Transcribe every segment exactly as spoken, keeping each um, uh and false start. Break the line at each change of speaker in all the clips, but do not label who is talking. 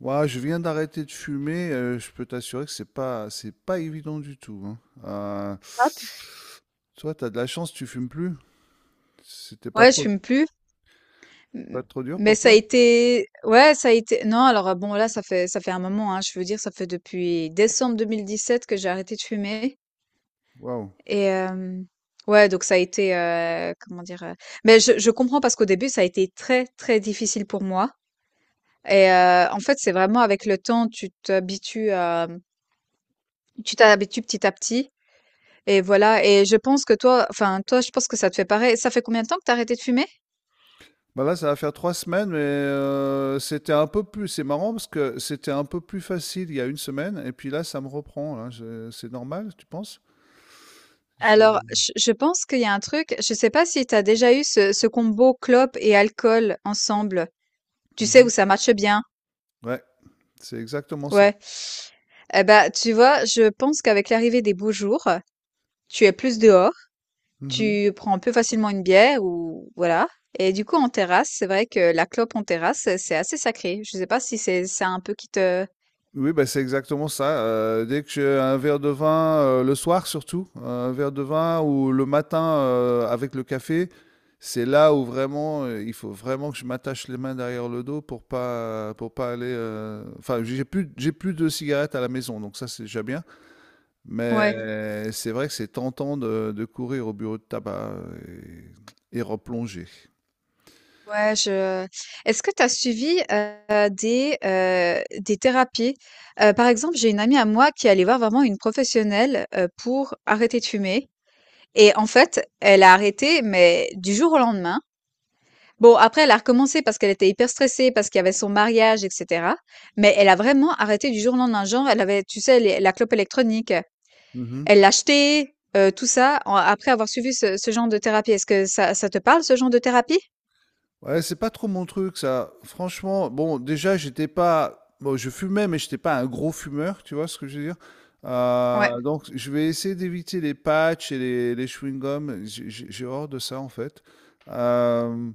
Ouais, je viens d'arrêter de fumer, euh, je peux t'assurer que c'est pas c'est pas évident du tout, hein. Euh,
Hop,
Toi, t'as de la chance, tu fumes plus. C'était pas
ouais, je
trop
fume plus,
Pas
m
trop dur
mais
pour
ça a
toi?
été, ouais, ça a été non. Alors, heu, bon, là, ça fait ça fait un moment, hein. Je veux dire, ça fait depuis décembre deux mille dix-sept que j'ai arrêté de fumer.
Waouh.
Et hem, ouais, donc ça a été, heu, comment dire, heu? Mais je je comprends parce qu'au début, ça a été très, très difficile pour moi. Et heu, en fait, c'est vraiment avec le temps, tu t'habitues à tu t'habitues petit à petit. Et voilà, et je pense que toi, enfin, toi, je pense que ça te fait pareil. Ça fait combien de temps que t'as arrêté de fumer?
Bah là, ça va faire trois semaines, mais euh, c'était un peu plus. C'est marrant parce que c'était un peu plus facile il y a une semaine, et puis là, ça me reprend. Là. Je- C'est normal, tu penses?
Alors,
J'ai-
je je pense qu'il y a un truc. Je sais pas si tu as déjà eu ce ce combo clope et alcool ensemble. Tu sais, où
Mhm.
ça marche bien?
Ouais, c'est exactement ça.
Ouais. Eh ben, tu vois, je pense qu'avec l'arrivée des beaux jours, tu es plus dehors, tu prends plus facilement une bière ou voilà. Et du coup, en terrasse, c'est vrai que la clope en terrasse, c'est assez sacré. Je sais pas si c'est ça un peu qui te...
Oui, bah, c'est exactement ça, heu, dès que j'ai un verre de vin, heu, le soir surtout, un verre de vin ou le matin, heu, avec le café, c'est là où vraiment, heu, il faut vraiment que je m'attache les mains derrière le dos pour pas pour pas aller, heu enfin j'ai plus j'ai plus de cigarettes à la maison, donc ça c'est déjà bien,
Ouais,
mais c'est vrai que c'est tentant de de courir au bureau de tabac et et replonger.
ouais, je est-ce que tu as suivi, heu, des, heu, des thérapies? Heu, par exemple, j'ai une amie à moi qui est allée voir vraiment une professionnelle, heu, pour arrêter de fumer. Et en fait, elle a arrêté, mais du jour au lendemain. Bon, après, elle a recommencé parce qu'elle était hyper stressée, parce qu'il y avait son mariage, et cetera. Mais elle a vraiment arrêté du jour au lendemain. Genre, elle avait, tu sais, les- la clope électronique,
Mmh.
elle l'a achetée, euh, tout ça, en- après avoir suivi ce, ce genre de thérapie. Est-ce que ça, ça te parle, ce genre de thérapie?
Ouais, c'est pas trop mon truc ça. Franchement, bon, déjà, j'étais pas. Bon, je fumais, mais j'étais pas un gros fumeur, tu vois ce que je veux dire?
Ouais.
Euh, donc, je vais essayer d'éviter les patchs et les, les chewing-gums. J'ai j'ai- j'ai horreur de ça, en fait. Euh,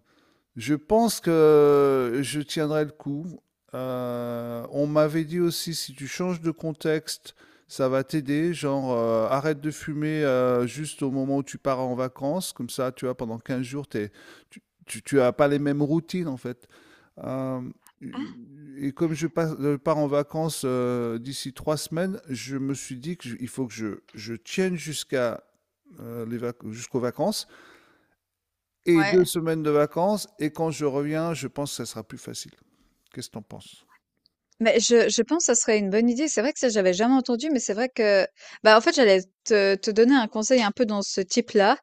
je pense que je tiendrai le coup. Euh, on m'avait dit aussi, si tu changes de contexte, ça va t'aider. Genre, euh, arrête de fumer euh, juste au moment où tu pars en vacances. Comme ça, tu vois, pendant quinze jours, t'es- tu, tu, tu as pas les mêmes routines, en fait. Euh,
Ah,
et comme je, passe- je pars en vacances euh, d'ici trois semaines, je me suis dit qu'il faut que je, je tienne jusqu'à euh, les vac- jusqu'aux vacances et deux
ouais.
semaines de vacances et quand je reviens, je pense que ça sera plus facile. Qu'est-ce que tu penses?
Mais je je pense que ça serait une bonne idée. C'est vrai que ça, j'avais jamais entendu, mais c'est vrai que, bah, en fait, j'allais te te donner un conseil un peu dans ce type-là.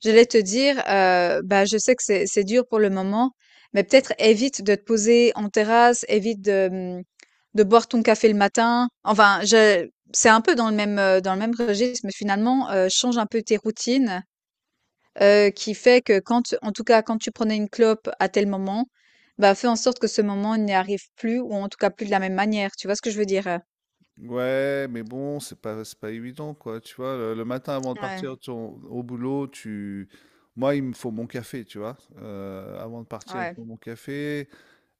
J'allais te dire, heu, bah, je sais que c'est c'est dur pour le moment, mais peut-être évite de te poser en terrasse, évite de, mmh, de boire ton café le matin. Enfin, je c'est un peu dans le même, heu, dans le même registre, mais finalement, heu, change un peu tes routines. Heu, qui fait que quand tu- en tout cas, quand tu prenais une clope à tel moment, bah, fais en sorte que ce moment n'y arrive plus ou en tout cas plus de la même manière. Tu vois ce que je veux dire, heu?
Ouais, mais bon, c'est pas, c'est pas évident, quoi. Tu vois, le, le matin avant de
Ouais,
partir ton- au boulot, tu... Moi, il me faut mon café, tu vois. Euh, avant de partir, il me
ouais,
faut mon café.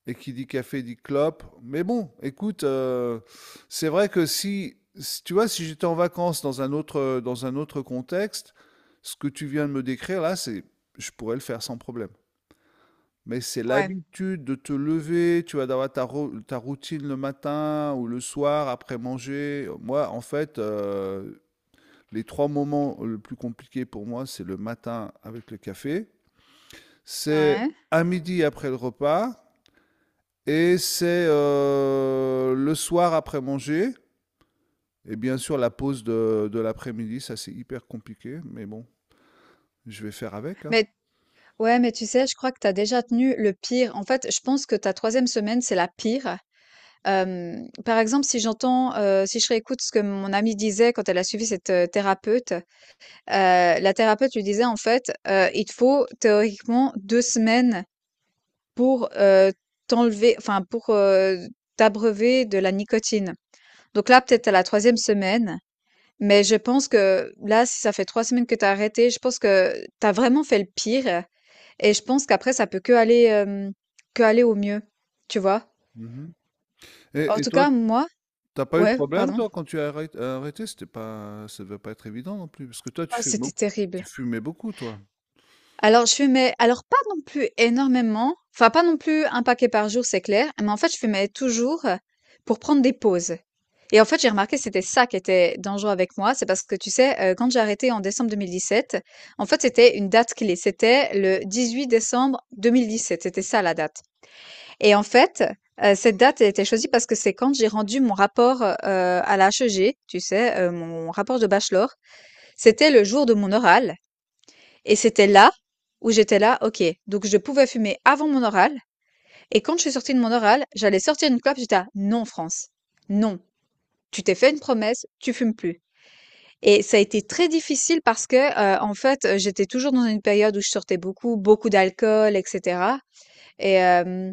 Et qui dit café dit clope. Mais bon, écoute, euh, c'est vrai que si, si- tu vois, si j'étais en vacances dans un autre, dans un autre contexte, ce que tu viens de me décrire là, c'est, je pourrais le faire sans problème. Mais c'est
ouais,
l'habitude de te lever, tu vas d'avoir ta, ro- ta routine le matin ou le soir après manger. Moi, en fait, euh, les trois moments le plus compliqués pour moi, c'est le matin avec le café, c'est Mhm.
ouais.
À midi après le repas et c'est euh, le soir après manger. Et bien sûr, la pause de, de l'après-midi, ça c'est hyper compliqué, mais bon, je vais faire avec, hein.
Mais ouais, mais tu sais, je crois que tu as déjà tenu le pire. En fait, je pense que ta troisième semaine, c'est la pire. Hem, par exemple, si j'entends, heu, si je réécoute ce que mon amie disait quand elle a suivi cette, heu, thérapeute, heu, la thérapeute lui disait en fait, heu: «Il te faut théoriquement deux semaines pour, heu, t'enlever, enfin pour, heu, t'abreuver de la nicotine. Donc là, peut-être à la troisième semaine, mais je pense que là, si ça fait trois semaines que t'as arrêté, je pense que t'as vraiment fait le pire, et je pense qu'après ça peut que qu'aller, que aller au mieux, tu vois?
Mhm.
En
Et, et
tout
toi,
cas, moi.
t'as pas eu de
Ouais,
problème,
pardon?
toi, quand tu as arrêt- arrêté, c'était pas, ça devait pas être évident non plus, parce que toi, tu
Oh,
fumais
c'était
beaucoup,
terrible.
tu fumais beaucoup, toi.
Alors je fumais alors pas non plus énormément, enfin pas non plus un paquet par jour, c'est clair, mais en fait je fumais toujours, heu, pour prendre des pauses. Et en fait j'ai remarqué que c'était ça qui était dangereux avec moi, c'est parce que tu sais, heu, quand j'ai arrêté en décembre deux mille dix-sept, en fait c'était une date clé, c'était le dix-huit décembre deux mille dix-sept, c'était ça la date. Et en fait, heu, cette date, elle a été choisie parce que c'est quand j'ai rendu mon rapport, heu, à la H E G, tu sais, heu, mon rapport de bachelor, c'était le jour de mon oral et c'était là où j'étais là, OK, donc je pouvais fumer avant mon oral. Et quand je suis sortie de mon oral, j'allais sortir une clope. J'étais là, non, France, non. Tu t'es fait une promesse, tu fumes plus. Et ça a été très difficile parce que, euh, en fait, euh, j'étais toujours dans une période où je sortais beaucoup, beaucoup d'alcool, et cetera. Et euh,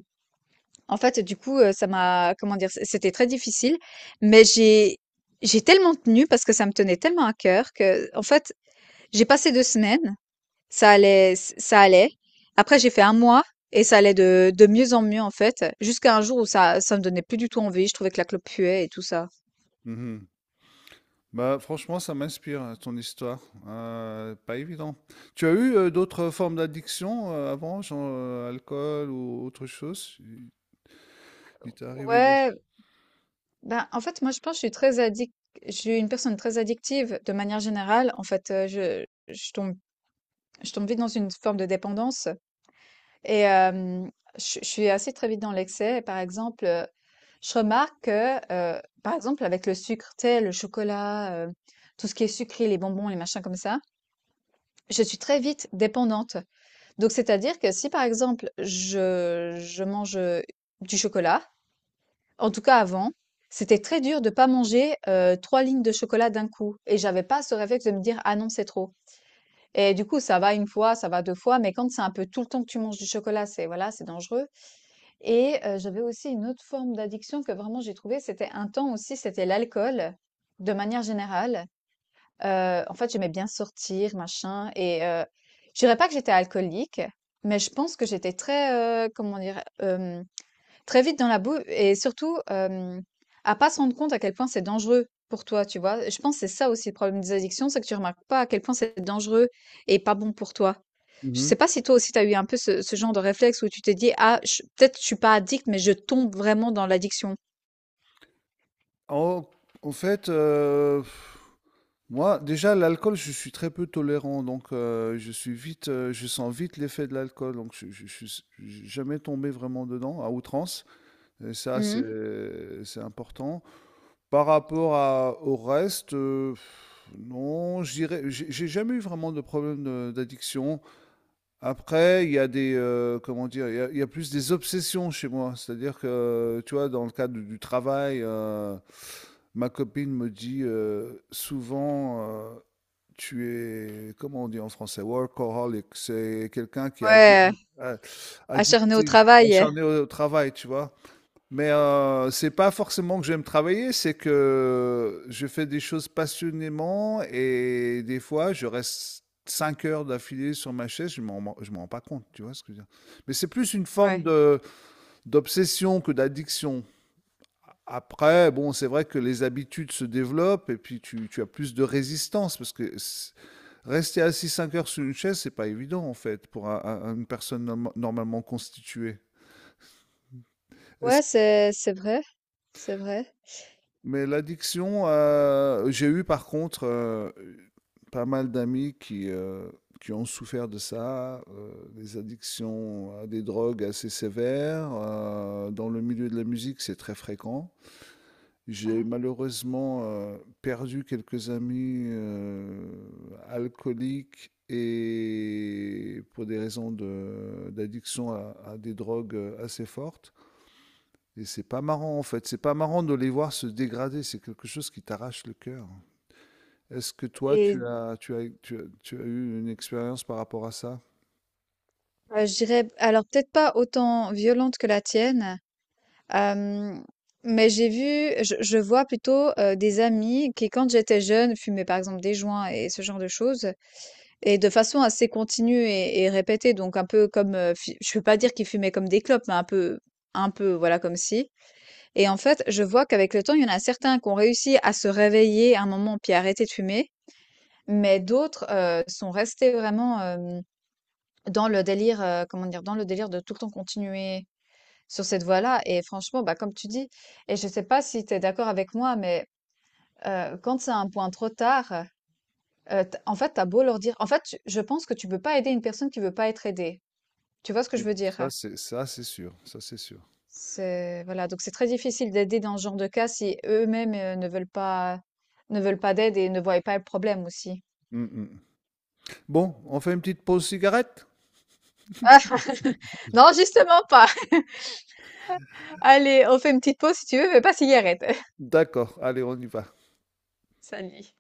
en fait, du coup, euh, ça m'a, comment dire, c- c'était très difficile. Mais j'ai, j'ai tellement tenu parce que ça me tenait tellement à cœur que, en fait, j'ai passé deux semaines. Ça allait, ç ça allait. Après, j'ai fait un mois et ça allait de de mieux en mieux, en fait, jusqu'à un jour où ça ça me donnait plus du tout envie. Je trouvais que la clope puait et tout ça.
Mhm. Bah, franchement, ça m'inspire, hein, ton histoire. Euh, pas évident. Tu as eu euh, d'autres formes d'addiction euh, avant, genre euh, alcool ou autre chose? Il il t'est arrivé des...
Ouais, ben, en fait, moi, je pense que je suis très addict. Je suis une personne très addictive de manière générale. En fait, heu, je je tombe je tombe vite dans une forme de dépendance. Et euh, je, je suis assez très vite dans l'excès. Et par exemple, euh, je remarque que, euh, par exemple, avec le sucre, tu sais, le chocolat, euh, tout ce qui est sucré, les bonbons, les machins comme ça, je suis très vite dépendante. Donc, c'est-à-dire que si, par exemple, je, je mange, euh, du chocolat, en tout cas avant, c'était très dur de pas manger, euh, trois lignes de chocolat d'un coup. Et j'avais pas ce réflexe de me dire, ah non, c'est trop. Et du coup, ça va une fois, ça va deux fois, mais quand c'est un peu tout le temps que tu manges du chocolat, c'est voilà, c'est dangereux. Et heu, j'avais aussi une autre forme d'addiction que vraiment j'ai trouvée, c'était un temps aussi, c'était l'alcool, de manière générale. Heu, en fait, j'aimais bien sortir, machin et heu, je dirais pas que j'étais alcoolique, mais je pense que j'étais très, heu, comment dire? Hem Très vite dans la boue et surtout, hem, à pas se rendre compte à quel point c'est dangereux pour toi, tu vois? Je pense que c'est ça aussi le problème des addictions, c'est que tu remarques pas à quel point c'est dangereux et pas bon pour toi. Je sais pas si toi aussi tu as eu un peu ce ce genre de réflexe où tu t'es dit: «Ah ch peut-être je suis pas addict, mais je tombe vraiment dans l'addiction».
En, En fait, euh, moi, déjà, l'alcool, je suis très peu tolérant, donc euh, je suis vite, euh, je sens vite l'effet de l'alcool, donc je, je, je suis jamais tombé vraiment dedans à outrance. Et ça,
Mmh.
c'est c'est important. Par rapport à, au reste, euh, non, je dirais, j'ai j'ai jamais eu vraiment de problème de- d'addiction. Après, il y a des, heu, comment dire? Il y a il y a plus des obsessions chez moi. C'est-à-dire que, euh, tu vois, dans le cadre du travail, heu, ma copine me dit, heu, souvent, heu: «Tu es» comment on dit en français? Workaholic. C'est quelqu'un qui est addi
Ouais, heu,
a
acharné au
addicté,
travail.
acharné au travail, tu vois? Mais euh, c'est pas forcément que j'aime travailler, c'est que je fais des choses passionnément et des fois je reste cinq heures d'affilée sur ma chaise, je m'en je m'en rends pas compte, tu vois ce que je veux dire? Mais c'est plus une forme
Ouais.
de d'obsession que d'addiction. Après, bon, c'est vrai que les habitudes se développent et puis tu, tu as plus de résistance parce que s- rester assis cinq heures sur une chaise, c'est pas évident en fait pour un- un- une personne norm- normalement constituée.
Ouais, c'est c'est vrai, c'est vrai.
Mais l'addiction, heu, j'ai eu par contre, heu, pas mal d'amis qui, heu, qui ont souffert de ça, heu, des addictions à des drogues assez sévères, heu, dans le milieu de la musique, c'est très fréquent. J'ai
Ah.
malheureusement, heu, perdu quelques amis, heu, alcooliques et pour des raisons de d'addiction à à des drogues, assez fortes. Et c'est pas marrant en fait, c'est pas marrant de les voir se dégrader, c'est quelque chose qui t'arrache le cœur. Est-ce que toi,
Et
tu as, tu as, tu as, tu as eu une expérience par rapport à ça?
bah, je dirais alors peut-être pas autant violente que la tienne, hem, mais j'ai vu, je je vois plutôt, heu, des amis qui quand j'étais jeune fumaient par exemple des joints et ce genre de choses et de façon assez continue et et répétée, donc un peu comme, heu, fi je veux pas dire qu'ils fumaient comme des clopes, mais un peu un peu voilà comme si. Et en fait, je vois qu'avec le temps, il y en a certains qui ont réussi à se réveiller à un moment, puis à arrêter de fumer, mais d'autres, heu, sont restés vraiment, hem, dans le délire, heu, comment dire? Dans le délire de tout le temps continuer sur cette voie-là, et franchement, bah, comme tu dis, et je sais pas si tu es d'accord avec moi, mais, heu, quand c'est un point trop tard, heu, t en fait, t'as beau leur dire, en fait, tu je pense que tu peux pas aider une personne qui veut pas être aidée. Tu vois ce que je
Oui.
veux
Ça,
dire?
c'est ça, c'est sûr, ça, c'est sûr.
C'est voilà, donc c'est très difficile d'aider dans ce genre de cas si eux-mêmes, heu, ne veulent pas ne veulent pas d'aide et ne voient pas le problème aussi.
Mm, mm. Bon, on fait une petite pause cigarette?
Ah! Non, justement pas. Allez, on fait une petite pause si tu veux, mais pas de cigarette.
D'accord, allez, on y va.
Salut.